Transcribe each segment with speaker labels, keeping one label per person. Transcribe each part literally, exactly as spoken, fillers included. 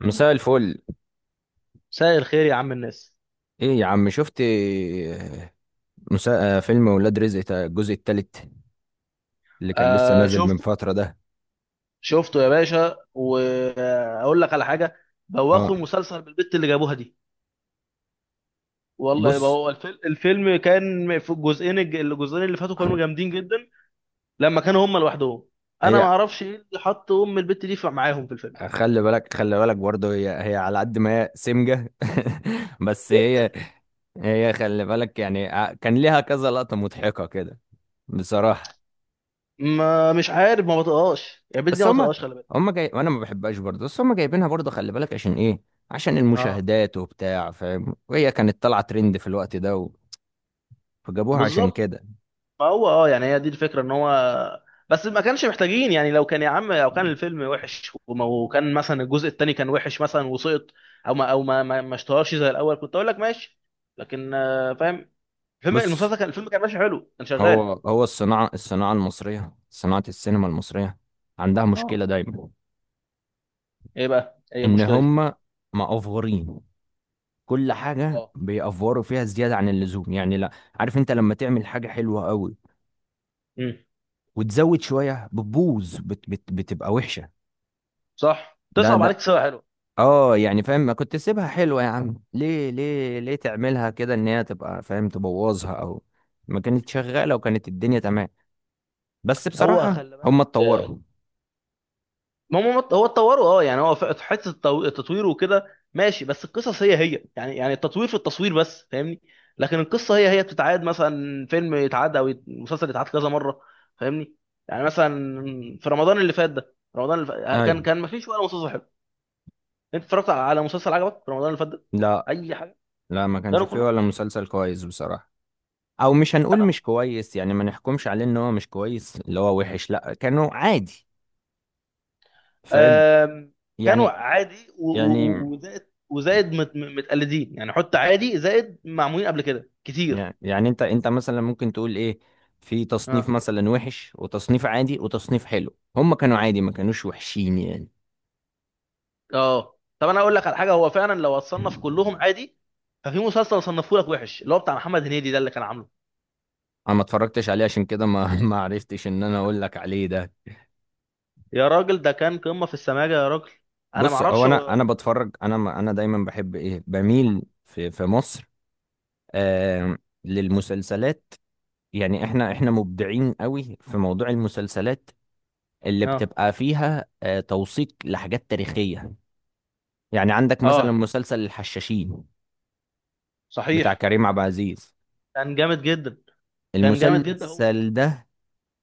Speaker 1: مساء الفل.
Speaker 2: مساء الخير يا عم الناس.
Speaker 1: ايه يا عم، شفت آه، مساء آه، فيلم ولاد رزق تا- الجزء التالت اللي كان لسه
Speaker 2: آه،
Speaker 1: نازل من
Speaker 2: شفت.
Speaker 1: فترة ده؟
Speaker 2: شفته يا باشا واقول لك على حاجه.
Speaker 1: اه.
Speaker 2: بوخوا المسلسل بالبت اللي جابوها دي. والله يبقى
Speaker 1: بص،
Speaker 2: هو الفيلم الفيلم كان في الجزئين الج- الجزئين اللي فاتوا كانوا جامدين جدا. لما كانوا هم لوحدهم. انا ما
Speaker 1: هي
Speaker 2: اعرفش ايه اللي حط ام البت دي في- معاهم في الفيلم.
Speaker 1: خلي بالك خلي بالك برضه، هي هي على قد ما هي سمجة بس
Speaker 2: جدا.
Speaker 1: هي، هي خلي بالك يعني، ع- كان ليها كذا لقطة مضحكة كده بصراحة.
Speaker 2: ما مش عارف ما بطقهاش، يعني البت دي
Speaker 1: بس
Speaker 2: ما
Speaker 1: هما،
Speaker 2: بطقهاش. خلي بالك.
Speaker 1: هما جاي وانا ما بحبهاش برضه، بس هما جايبينها برضه، خلي بالك عشان ايه؟ عشان
Speaker 2: اه،
Speaker 1: المشاهدات وبتاع، فاهم، وهي كانت طالعة ترند في الوقت ده و... فجابوها عشان
Speaker 2: بالظبط.
Speaker 1: كده.
Speaker 2: ما هو، اه يعني هي دي الفكره ان هو. بس ما كانش محتاجين، يعني لو كان يا عم، لو كان الفيلم وحش وما- وكان مثلا الجزء الثاني كان وحش مثلا وسقط، او ما او ما ما, ما اشتهرش زي الاول، كنت اقول لك ماشي. لكن، آه، فاهم. الفيلم
Speaker 1: بص،
Speaker 2: المسلسل كان، الفيلم كان ماشي حلو، كان
Speaker 1: هو
Speaker 2: شغال.
Speaker 1: هو الصناعة، الصناعة المصرية، صناعة السينما المصرية عندها مشكلة
Speaker 2: اه،
Speaker 1: دايما،
Speaker 2: ايه بقى؟ ايه
Speaker 1: إن
Speaker 2: المشكله دي؟
Speaker 1: هم مأفورين. كل حاجة
Speaker 2: اه.
Speaker 1: بيأفوروا فيها زيادة عن اللزوم. يعني لا، عارف أنت لما تعمل حاجة حلوة قوي
Speaker 2: امم
Speaker 1: وتزود شوية بتبوظ، بت بت بتبقى وحشة.
Speaker 2: صح
Speaker 1: ده
Speaker 2: تصعب
Speaker 1: ده
Speaker 2: عليك سوا حلو.
Speaker 1: اه، يعني فاهم؟ ما كنت سيبها حلوة يا عم، ليه ليه ليه تعملها كده إن هي تبقى، فاهم، تبوظها؟ أو ما كانت شغالة وكانت الدنيا تمام. بس
Speaker 2: هو
Speaker 1: بصراحة
Speaker 2: خلي
Speaker 1: هم
Speaker 2: بالك،
Speaker 1: اتطوروا.
Speaker 2: ما هم، هو اتطوروا، اه يعني هو في حته التو- التطوير وكده. ماشي بس القصص هي هي، يعني يعني التطوير في التصوير بس، فاهمني. لكن القصه هي هي بتتعاد، مثلا فيلم يتعاد او يت- مسلسل يتعاد كذا مره. فاهمني. يعني مثلا في رمضان اللي فات ده، رمضان اللي فات كان
Speaker 1: أيوة.
Speaker 2: كان ما فيش ولا مسلسل حلو. انت اتفرجت على على مسلسل عجبك في رمضان اللي فات ده؟
Speaker 1: لا،
Speaker 2: اي حاجه؟
Speaker 1: لا ما كانش
Speaker 2: كانوا
Speaker 1: فيه
Speaker 2: كلهم
Speaker 1: ولا
Speaker 2: زي.
Speaker 1: مسلسل كويس بصراحة، او مش هنقول
Speaker 2: انا
Speaker 1: مش كويس، يعني ما نحكمش عليه ان هو مش كويس اللي هو وحش، لا كانوا عادي، فاهم
Speaker 2: آم، كانوا
Speaker 1: يعني.
Speaker 2: عادي و-
Speaker 1: يعني
Speaker 2: و- و- وزائد. وزائد مت- متقلدين، يعني حط عادي زائد معمولين قبل كده كتير.
Speaker 1: يعني انت، انت مثلا ممكن تقول ايه، في تصنيف
Speaker 2: اه،
Speaker 1: مثلا وحش وتصنيف عادي وتصنيف حلو، هم كانوا عادي ما كانوش وحشين يعني.
Speaker 2: اه، طب انا اقول لك على حاجه. هو فعلا لو اتصنف كلهم عادي، ففي مسلسل صنفه لك وحش اللي هو بتاع محمد هنيدي ده اللي كان عامله.
Speaker 1: انا ما اتفرجتش عليه عشان كده ما ما عرفتش ان انا اقول لك عليه ده.
Speaker 2: يا راجل، ده كان قمه في السماجه يا راجل. انا ما
Speaker 1: بص، هو
Speaker 2: اعرفش
Speaker 1: انا، انا
Speaker 2: هو.
Speaker 1: بتفرج انا، ما- انا دايما بحب ايه، بميل في في مصر آه للمسلسلات. يعني احنا، احنا مبدعين قوي في موضوع المسلسلات اللي
Speaker 2: اه،
Speaker 1: بتبقى فيها آه، توثيق لحاجات تاريخية. يعني عندك مثلا
Speaker 2: اه،
Speaker 1: مسلسل الحشاشين بتاع
Speaker 2: صحيح.
Speaker 1: كريم عبد العزيز.
Speaker 2: كان جامد جدا. كان جامد جدا هو.
Speaker 1: المسلسل ده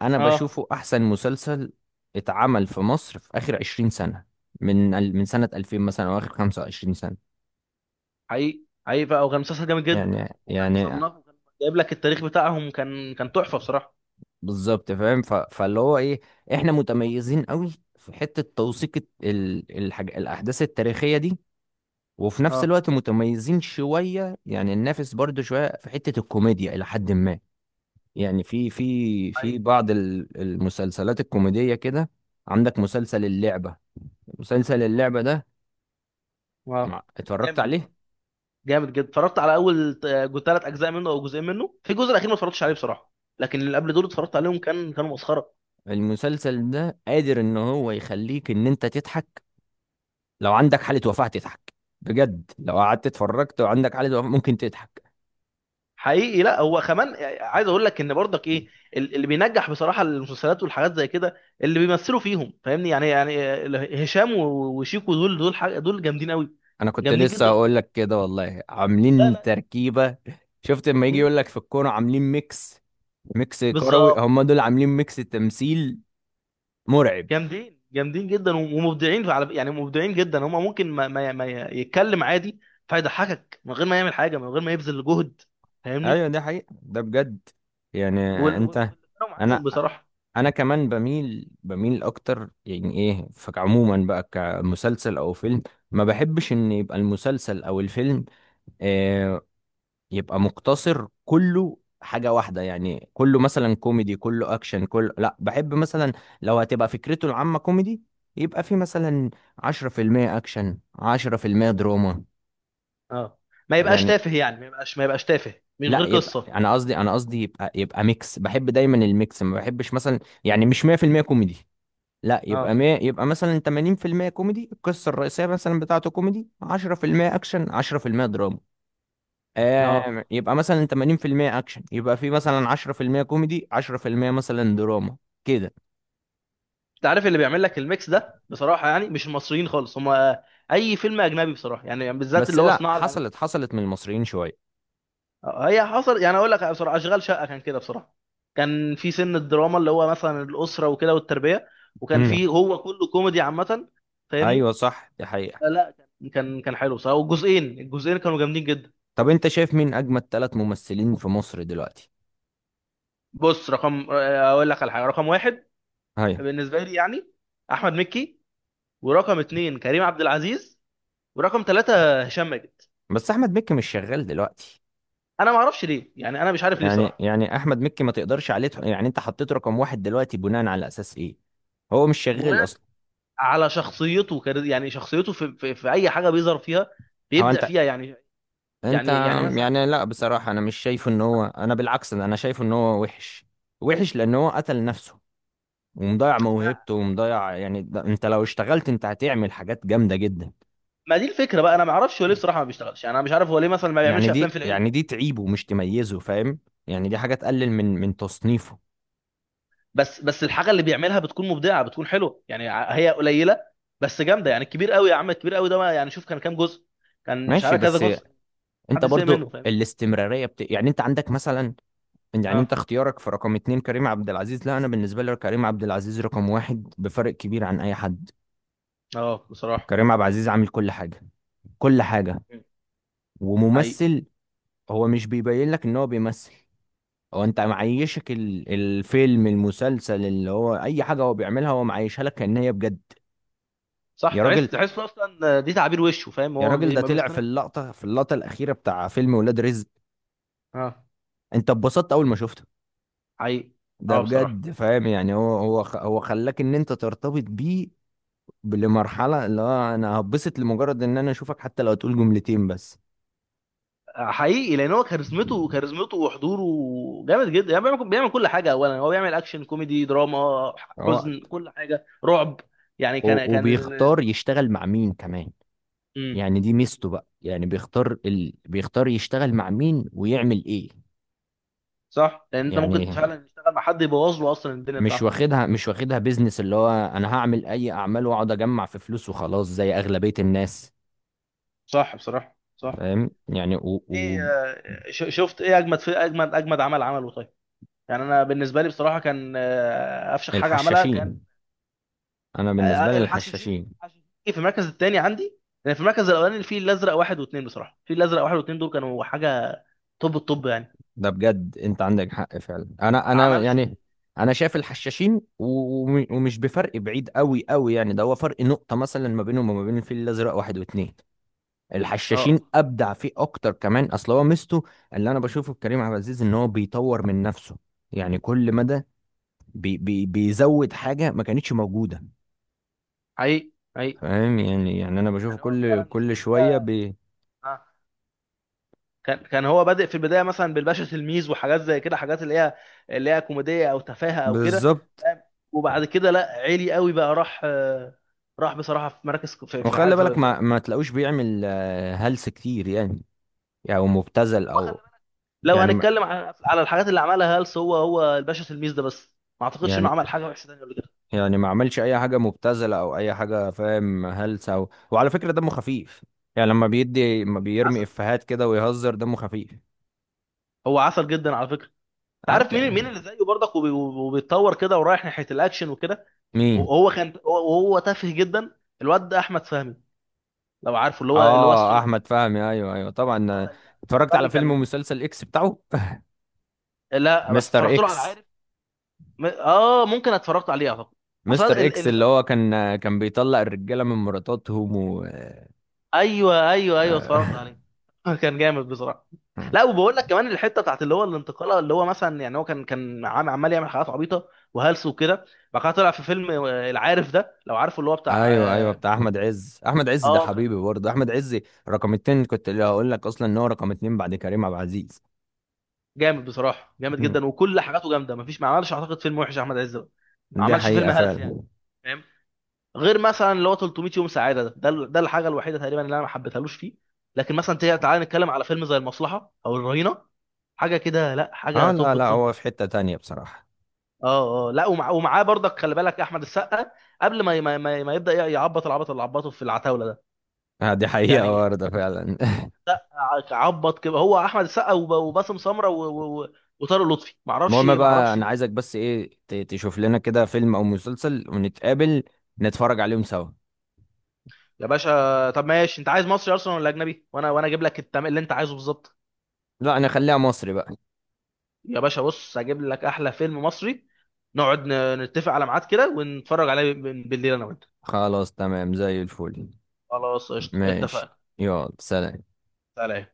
Speaker 1: انا
Speaker 2: اه،
Speaker 1: بشوفه احسن مسلسل اتعمل في مصر في اخر عشرين سنة، من ال- من سنة الفين مثلا، او اخر خمسة وعشرين سنة
Speaker 2: حقيقي، حقيقي بقى، وكان مسلسل جامد جدا،
Speaker 1: يعني.
Speaker 2: وكان
Speaker 1: يعني
Speaker 2: مصنف، وكان جايب لك التاريخ بتاعهم، كان كان تحفه بصراحه.
Speaker 1: بالظبط، فاهم، ف- فاللي هو ايه، احنا متميزين قوي في حتة توثيق الت- ال... الحاج... الاحداث التاريخية دي، وفي نفس
Speaker 2: اه،
Speaker 1: الوقت متميزين شوية، يعني ننافس برضو شوية في حتة الكوميديا إلى حد ما، يعني في في في
Speaker 2: حقيقي.
Speaker 1: بعض ال- المسلسلات الكوميدية كده. عندك مسلسل اللعبة، مسلسل اللعبة ده
Speaker 2: اه،
Speaker 1: مع- اتفرجت
Speaker 2: جامد
Speaker 1: عليه؟
Speaker 2: بصراحه، جامد جدا. اتفرجت على اول ثلاث اجزاء منه او جزئين منه، في الجزء الاخير ما اتفرجتش عليه بصراحه، لكن اللي قبل دول اتفرجت عليهم، كان كانوا مسخره.
Speaker 1: المسلسل ده قادر ان هو يخليك ان انت تضحك لو عندك حالة وفاة، تضحك بجد لو قعدت اتفرجت وعندك حالة وفاة ممكن تضحك.
Speaker 2: حقيقي. لا، هو كمان عايز اقول لك ان برضك ايه، ال- اللي بينجح بصراحه المسلسلات والحاجات زي كده اللي بيمثلوا فيهم، فاهمني. يعني يعني ال- هشام و- وشيكو، دول دول حاجة، دول جامدين قوي.
Speaker 1: انا كنت
Speaker 2: جامدين
Speaker 1: لسه
Speaker 2: جدا
Speaker 1: هقول
Speaker 2: وليه-
Speaker 1: لك كده والله،
Speaker 2: لا،
Speaker 1: عاملين
Speaker 2: لا.
Speaker 1: تركيبة. شفت لما يجي
Speaker 2: مم.
Speaker 1: يقول لك في الكورة عاملين ميكس؟ ميكس كروي،
Speaker 2: بالظبط.
Speaker 1: هم دول عاملين ميكس تمثيل مرعب.
Speaker 2: جامدين، جامدين جدا، ومبدعين على، يعني مبدعين جدا. هم ممكن ما, ما, ما يتكلم عادي، فيضحكك من غير ما يعمل حاجه، من غير ما يبذل جهد،
Speaker 1: ايوه
Speaker 2: فاهمني.
Speaker 1: ده حقيقة، ده بجد يعني.
Speaker 2: وال وال-
Speaker 1: انت،
Speaker 2: واللي معاهم
Speaker 1: انا،
Speaker 2: بصراحه.
Speaker 1: انا كمان بميل، بميل اكتر يعني ايه، فعموما بقى كمسلسل او فيلم، ما بحبش ان يبقى المسلسل او الفيلم آه يبقى مقتصر كله حاجة واحدة، يعني كله مثلا كوميدي كله اكشن، كله لا، بحب مثلا لو هتبقى فكرته العامة كوميدي يبقى في مثلا عشرة في المية اكشن عشرة في المية دراما
Speaker 2: اه، ما يبقاش
Speaker 1: يعني.
Speaker 2: تافه، يعني ما يبقاش ما يبقاش تافه من
Speaker 1: لا،
Speaker 2: غير
Speaker 1: يبقى
Speaker 2: قصه.
Speaker 1: انا قصدي، انا قصدي يبقى، يبقى ميكس، بحب دايما الميكس. ما بحبش مثلا، يعني مش مية في المية كوميدي، لا
Speaker 2: اه،
Speaker 1: يبقى، ما يبقى مثلا تمانين في المية كوميدي، القصه الرئيسيه مثلا بتاعته كوميدي عشرة في المية اكشن عشرة في المية دراما.
Speaker 2: اه،
Speaker 1: آه، يبقى مثلا تمانين في المية اكشن يبقى في مثلا عشرة في المية كوميدي عشرة في المية مثلا دراما كده.
Speaker 2: انت عارف اللي بيعمل لك الميكس ده بصراحه يعني مش المصريين خالص هم. اي فيلم اجنبي بصراحه، يعني بالذات
Speaker 1: بس
Speaker 2: اللي هو
Speaker 1: لا،
Speaker 2: صناعه
Speaker 1: حصلت،
Speaker 2: الامريكيه.
Speaker 1: حصلت من المصريين شويه.
Speaker 2: هي حصل، يعني اقول لك بصراحه، اشغال شقه كان كده بصراحه. كان في سن الدراما اللي هو مثلا الاسره وكده والتربيه، وكان
Speaker 1: امم.
Speaker 2: في هو كله كوميدي عامه. فاهمني.
Speaker 1: ايوه صح، دي حقيقه.
Speaker 2: لا، لا، كان كان كان حلو بصراحه، والجزئين الجزئين كانوا جامدين جدا.
Speaker 1: طب انت شايف مين اجمد ثلاث ممثلين في مصر دلوقتي؟
Speaker 2: بص رقم اقول لك على حاجه. رقم واحد
Speaker 1: ايوه.
Speaker 2: بالنسبه لي يعني احمد مكي، ورقم اتنين كريم عبد العزيز، ورقم ثلاثه هشام ماجد.
Speaker 1: بس احمد مكي مش شغال دلوقتي.
Speaker 2: انا ما اعرفش ليه يعني، انا مش عارف ليه
Speaker 1: يعني،
Speaker 2: بصراحه.
Speaker 1: يعني احمد مكي ما تقدرش عليه، تح- يعني انت حطيت رقم واحد دلوقتي بناء على اساس ايه؟ هو مش شغال
Speaker 2: بناء
Speaker 1: اصلا.
Speaker 2: على شخصيته، كر- يعني شخصيته في, في, في اي حاجه بيظهر فيها
Speaker 1: هو
Speaker 2: بيبدع
Speaker 1: انت،
Speaker 2: فيها، يعني.
Speaker 1: انت
Speaker 2: يعني يعني مثلا،
Speaker 1: يعني، لا بصراحة انا مش شايفه ان هو، انا بالعكس انا شايفه ان هو وحش، وحش لان هو قتل نفسه، ومضيع
Speaker 2: ما
Speaker 1: موهبته ومضيع يعني. ده انت لو اشتغلت انت هتعمل حاجات جامدة جدا.
Speaker 2: ما دي الفكره بقى. انا ما اعرفش هو ليه بصراحه ما بيشتغلش، يعني انا مش عارف هو ليه مثلا ما
Speaker 1: يعني
Speaker 2: بيعملش افلام في
Speaker 1: دي،
Speaker 2: العيد.
Speaker 1: يعني دي تعيبه مش تميزه، فاهم، يعني دي حاجة تقلل من من تصنيفه.
Speaker 2: بس بس الحاجه اللي بيعملها بتكون مبدعه، بتكون حلوه يعني. ع- هي قليله بس جامده. يعني الكبير قوي يا عم، الكبير قوي ده، ما يعني شوف كان كام جزء. كان مش
Speaker 1: ماشي،
Speaker 2: عارف كذا
Speaker 1: بس
Speaker 2: جزء،
Speaker 1: انت
Speaker 2: محدش زهق منه،
Speaker 1: برضو
Speaker 2: فاهم.
Speaker 1: الاستمرارية بت... يعني انت عندك مثلا، يعني
Speaker 2: اه،
Speaker 1: انت اختيارك في رقم اتنين كريم عبد العزيز. لا، انا بالنسبه لي كريم عبد العزيز رقم واحد بفرق كبير عن اي حد.
Speaker 2: اه بصراحه،
Speaker 1: كريم عبد العزيز عامل كل حاجه، كل حاجه.
Speaker 2: حقيقي.
Speaker 1: وممثل، هو مش بيبين لك ان هو بيمثل، هو انت معيشك ال- الفيلم، المسلسل، اللي هو اي حاجه هو بيعملها هو معيشها لك كأن هي بجد.
Speaker 2: صح،
Speaker 1: يا راجل،
Speaker 2: تحس تحس اصلا دي تعابير وشه فاهم،
Speaker 1: يا
Speaker 2: هو ما
Speaker 1: راجل
Speaker 2: بي-
Speaker 1: ده
Speaker 2: ما
Speaker 1: طلع في
Speaker 2: بيصطنعش.
Speaker 1: اللقطه، في اللقطه الاخيره بتاع فيلم ولاد رزق،
Speaker 2: اه،
Speaker 1: انت اتبسطت اول ما شفته.
Speaker 2: حقيقي.
Speaker 1: ده
Speaker 2: اه، بصراحه،
Speaker 1: بجد، فاهم يعني. هو، هو خ- هو خلاك ان انت ترتبط بيه لمرحلة اللي هو انا هبسط لمجرد ان انا اشوفك حتى لو هتقول جملتين بس.
Speaker 2: حقيقي، لان هو كاريزمته كاريزمته وحضوره جامد جدا. يعني بيعمل بيعمل كل حاجه، اولا هو بيعمل اكشن، كوميدي، دراما، حزن،
Speaker 1: وقت،
Speaker 2: كل حاجه، رعب. يعني كان
Speaker 1: و-
Speaker 2: كان ال...
Speaker 1: وبيختار يشتغل مع مين كمان.
Speaker 2: امم
Speaker 1: يعني دي ميزته بقى، يعني بيختار ال... بيختار يشتغل مع مين ويعمل ايه.
Speaker 2: صح، لان انت ممكن
Speaker 1: يعني
Speaker 2: فعلا تشتغل مع حد يبوظ له اصلا الدنيا
Speaker 1: مش
Speaker 2: بتاعته.
Speaker 1: واخدها، مش واخدها بيزنس اللي هو انا هعمل اي اعمال واقعد اجمع في فلوس وخلاص زي اغلبية الناس.
Speaker 2: صح بصراحه، صح.
Speaker 1: فاهم يعني و... و...
Speaker 2: ايه؟ آه، ش- شفت ايه اجمد؟ في اجمد اجمد عمل عمله طيب؟ يعني انا بالنسبه لي بصراحه، كان آه، افشخ حاجه عملها، كان
Speaker 1: الحشاشين. انا بالنسبة
Speaker 2: آه،
Speaker 1: لي
Speaker 2: الحشاشين
Speaker 1: الحشاشين.
Speaker 2: الحشاشين في المركز الثاني عندي، لان في المركز الاولاني الفيل الازرق واحد واثنين. بصراحه الفيل الازرق واحد واثنين دول كانوا حاجه. طب الطب يعني
Speaker 1: ده بجد انت عندك حق فعلا. انا،
Speaker 2: ما
Speaker 1: انا
Speaker 2: عملش.
Speaker 1: يعني انا شايف الحشاشين، و- ومش بفرق بعيد قوي قوي يعني، ده هو فرق نقطة مثلا ما بينهم وما بين الفيل الازرق واحد واتنين. الحشاشين
Speaker 2: اه،
Speaker 1: ابدع فيه اكتر كمان. اصل هو ميزته اللي انا بشوفه في كريم عبد العزيز ان هو بيطور من نفسه، يعني كل مدى بي بي بيزود حاجة ما كانتش موجودة.
Speaker 2: حقيقي، حقيقي.
Speaker 1: فاهم يعني، يعني انا بشوفه
Speaker 2: يعني هو
Speaker 1: كل،
Speaker 2: فعلا في
Speaker 1: كل
Speaker 2: البدايه،
Speaker 1: شوية بي،
Speaker 2: آه. كان كان هو بادئ في البدايه مثلا بالباشا تلميذ وحاجات زي كده، حاجات اللي هي اللي هي كوميديه او تفاهه او كده،
Speaker 1: بالظبط.
Speaker 2: فاهم. وبعد كده لا، عالي قوي بقى، راح آه، راح بصراحه في مراكز في في
Speaker 1: وخلي
Speaker 2: في,
Speaker 1: بالك
Speaker 2: في,
Speaker 1: ما، ما تلاقوش بيعمل آه، هلس كتير يعني، او يعني مبتذل
Speaker 2: في.
Speaker 1: او
Speaker 2: لو
Speaker 1: يعني ما،
Speaker 2: هنتكلم على على الحاجات اللي عملها هلس، هو هو الباشا تلميذ ده بس. ما اعتقدش انه
Speaker 1: يعني،
Speaker 2: عمل حاجه وحشه تانيه قبل كده.
Speaker 1: يعني ما عملش اي حاجه مبتذله او اي حاجه، فاهم، هلسه أو... وعلى فكره دمه خفيف. يعني لما بيدي، ما بيرمي
Speaker 2: عسل،
Speaker 1: افيهات كده ويهزر، دمه خفيف.
Speaker 2: هو عسل جدا على فكره. انت عارف
Speaker 1: عاد
Speaker 2: مين مين
Speaker 1: يعني.
Speaker 2: اللي زيه برضك وبي- وبيتطور كده ورايح ناحيه الاكشن وكده؟
Speaker 1: مين؟
Speaker 2: وهو كان وهو تافه جدا، الواد ده احمد فهمي. لو عارفه اللي هو اللي هو
Speaker 1: اه
Speaker 2: السولب.
Speaker 1: احمد فهمي، ايوه ايوه طبعا.
Speaker 2: اه، ال-
Speaker 1: اتفرجت على
Speaker 2: فهمي
Speaker 1: فيلم
Speaker 2: كان.
Speaker 1: ومسلسل اكس بتاعه.
Speaker 2: لا بس
Speaker 1: مستر
Speaker 2: اتفرجت له على،
Speaker 1: اكس.
Speaker 2: عارف، م- اه ممكن اتفرجت عليه اعتقد، اصلا
Speaker 1: مستر اكس
Speaker 2: اللي
Speaker 1: اللي
Speaker 2: فاكر.
Speaker 1: هو كان، كان بيطلق الرجاله من مراتاتهم و
Speaker 2: ايوه، ايوه، ايوه، اتفرجت عليه. كان جامد بصراحه. لا، وبقول لك كمان الحته بتاعت اللي هو الانتقاله، اللي هو مثلا يعني هو كان كان عم- عمال يعمل حاجات عبيطه وهلس وكده. بعد كده طلع في فيلم آه، العارف ده، لو عارفه اللي هو بتاع
Speaker 1: ايوه ايوه،
Speaker 2: اه.
Speaker 1: بتاع احمد عز. احمد عز ده
Speaker 2: آه، كان
Speaker 1: حبيبي برضه احمد عز، رقم اتنين. كنت اللي هقول لك اصلا ان هو رقم اتنين بعد كريم عبد العزيز.
Speaker 2: جامد بصراحه، جامد
Speaker 1: مم.
Speaker 2: جدا، وكل حاجاته جامده، مفيش، ما عملش اعتقد فيلم وحش احمد عز ده. ما
Speaker 1: دي
Speaker 2: عملش فيلم
Speaker 1: حقيقه
Speaker 2: هلس يعني،
Speaker 1: فعلا.
Speaker 2: فاهم، غير مثلا اللي هو تلتمية يوم سعاده ده ده ال- ده الحاجه الوحيده تقريبا اللي انا ما حبيتهالوش فيه. لكن مثلا تعالى نتكلم على فيلم زي المصلحه او الرهينه، حاجه كده، لا
Speaker 1: اه
Speaker 2: حاجه
Speaker 1: لا
Speaker 2: توب
Speaker 1: لا، هو
Speaker 2: التوب.
Speaker 1: في حته تانية بصراحه.
Speaker 2: اه، اه، لا، ومع، ومعاه برضك خلي بالك احمد السقا قبل ما ما, ما ما يبدا يعبط العبط اللي عبطه في العتاوله ده.
Speaker 1: آه، دي حقيقه
Speaker 2: يعني
Speaker 1: برضه فعلا.
Speaker 2: عبط كده هو احمد السقا، وب- وباسم سمره، و- و- و- وطارق لطفي، معرفش،
Speaker 1: المهم بقى،
Speaker 2: معرفش.
Speaker 1: انا عايزك بس ايه، ت- تشوف لنا كده فيلم او مسلسل ونتقابل نتفرج عليهم سوا.
Speaker 2: يا باشا، طب ماشي، انت عايز مصري اصلا ولا اجنبي؟ وانا وانا اجيب لك التم... اللي انت عايزه بالظبط.
Speaker 1: لا انا خليها مصري بقى.
Speaker 2: يا باشا، بص هجيب لك احلى فيلم مصري، نقعد ن- نتفق على ميعاد كده، ونتفرج عليه ب- بالليل انا وانت.
Speaker 1: خلاص تمام زي الفل.
Speaker 2: خلاص قشطه،
Speaker 1: ماشي،
Speaker 2: اتفقنا.
Speaker 1: يلا سلام.
Speaker 2: سلام.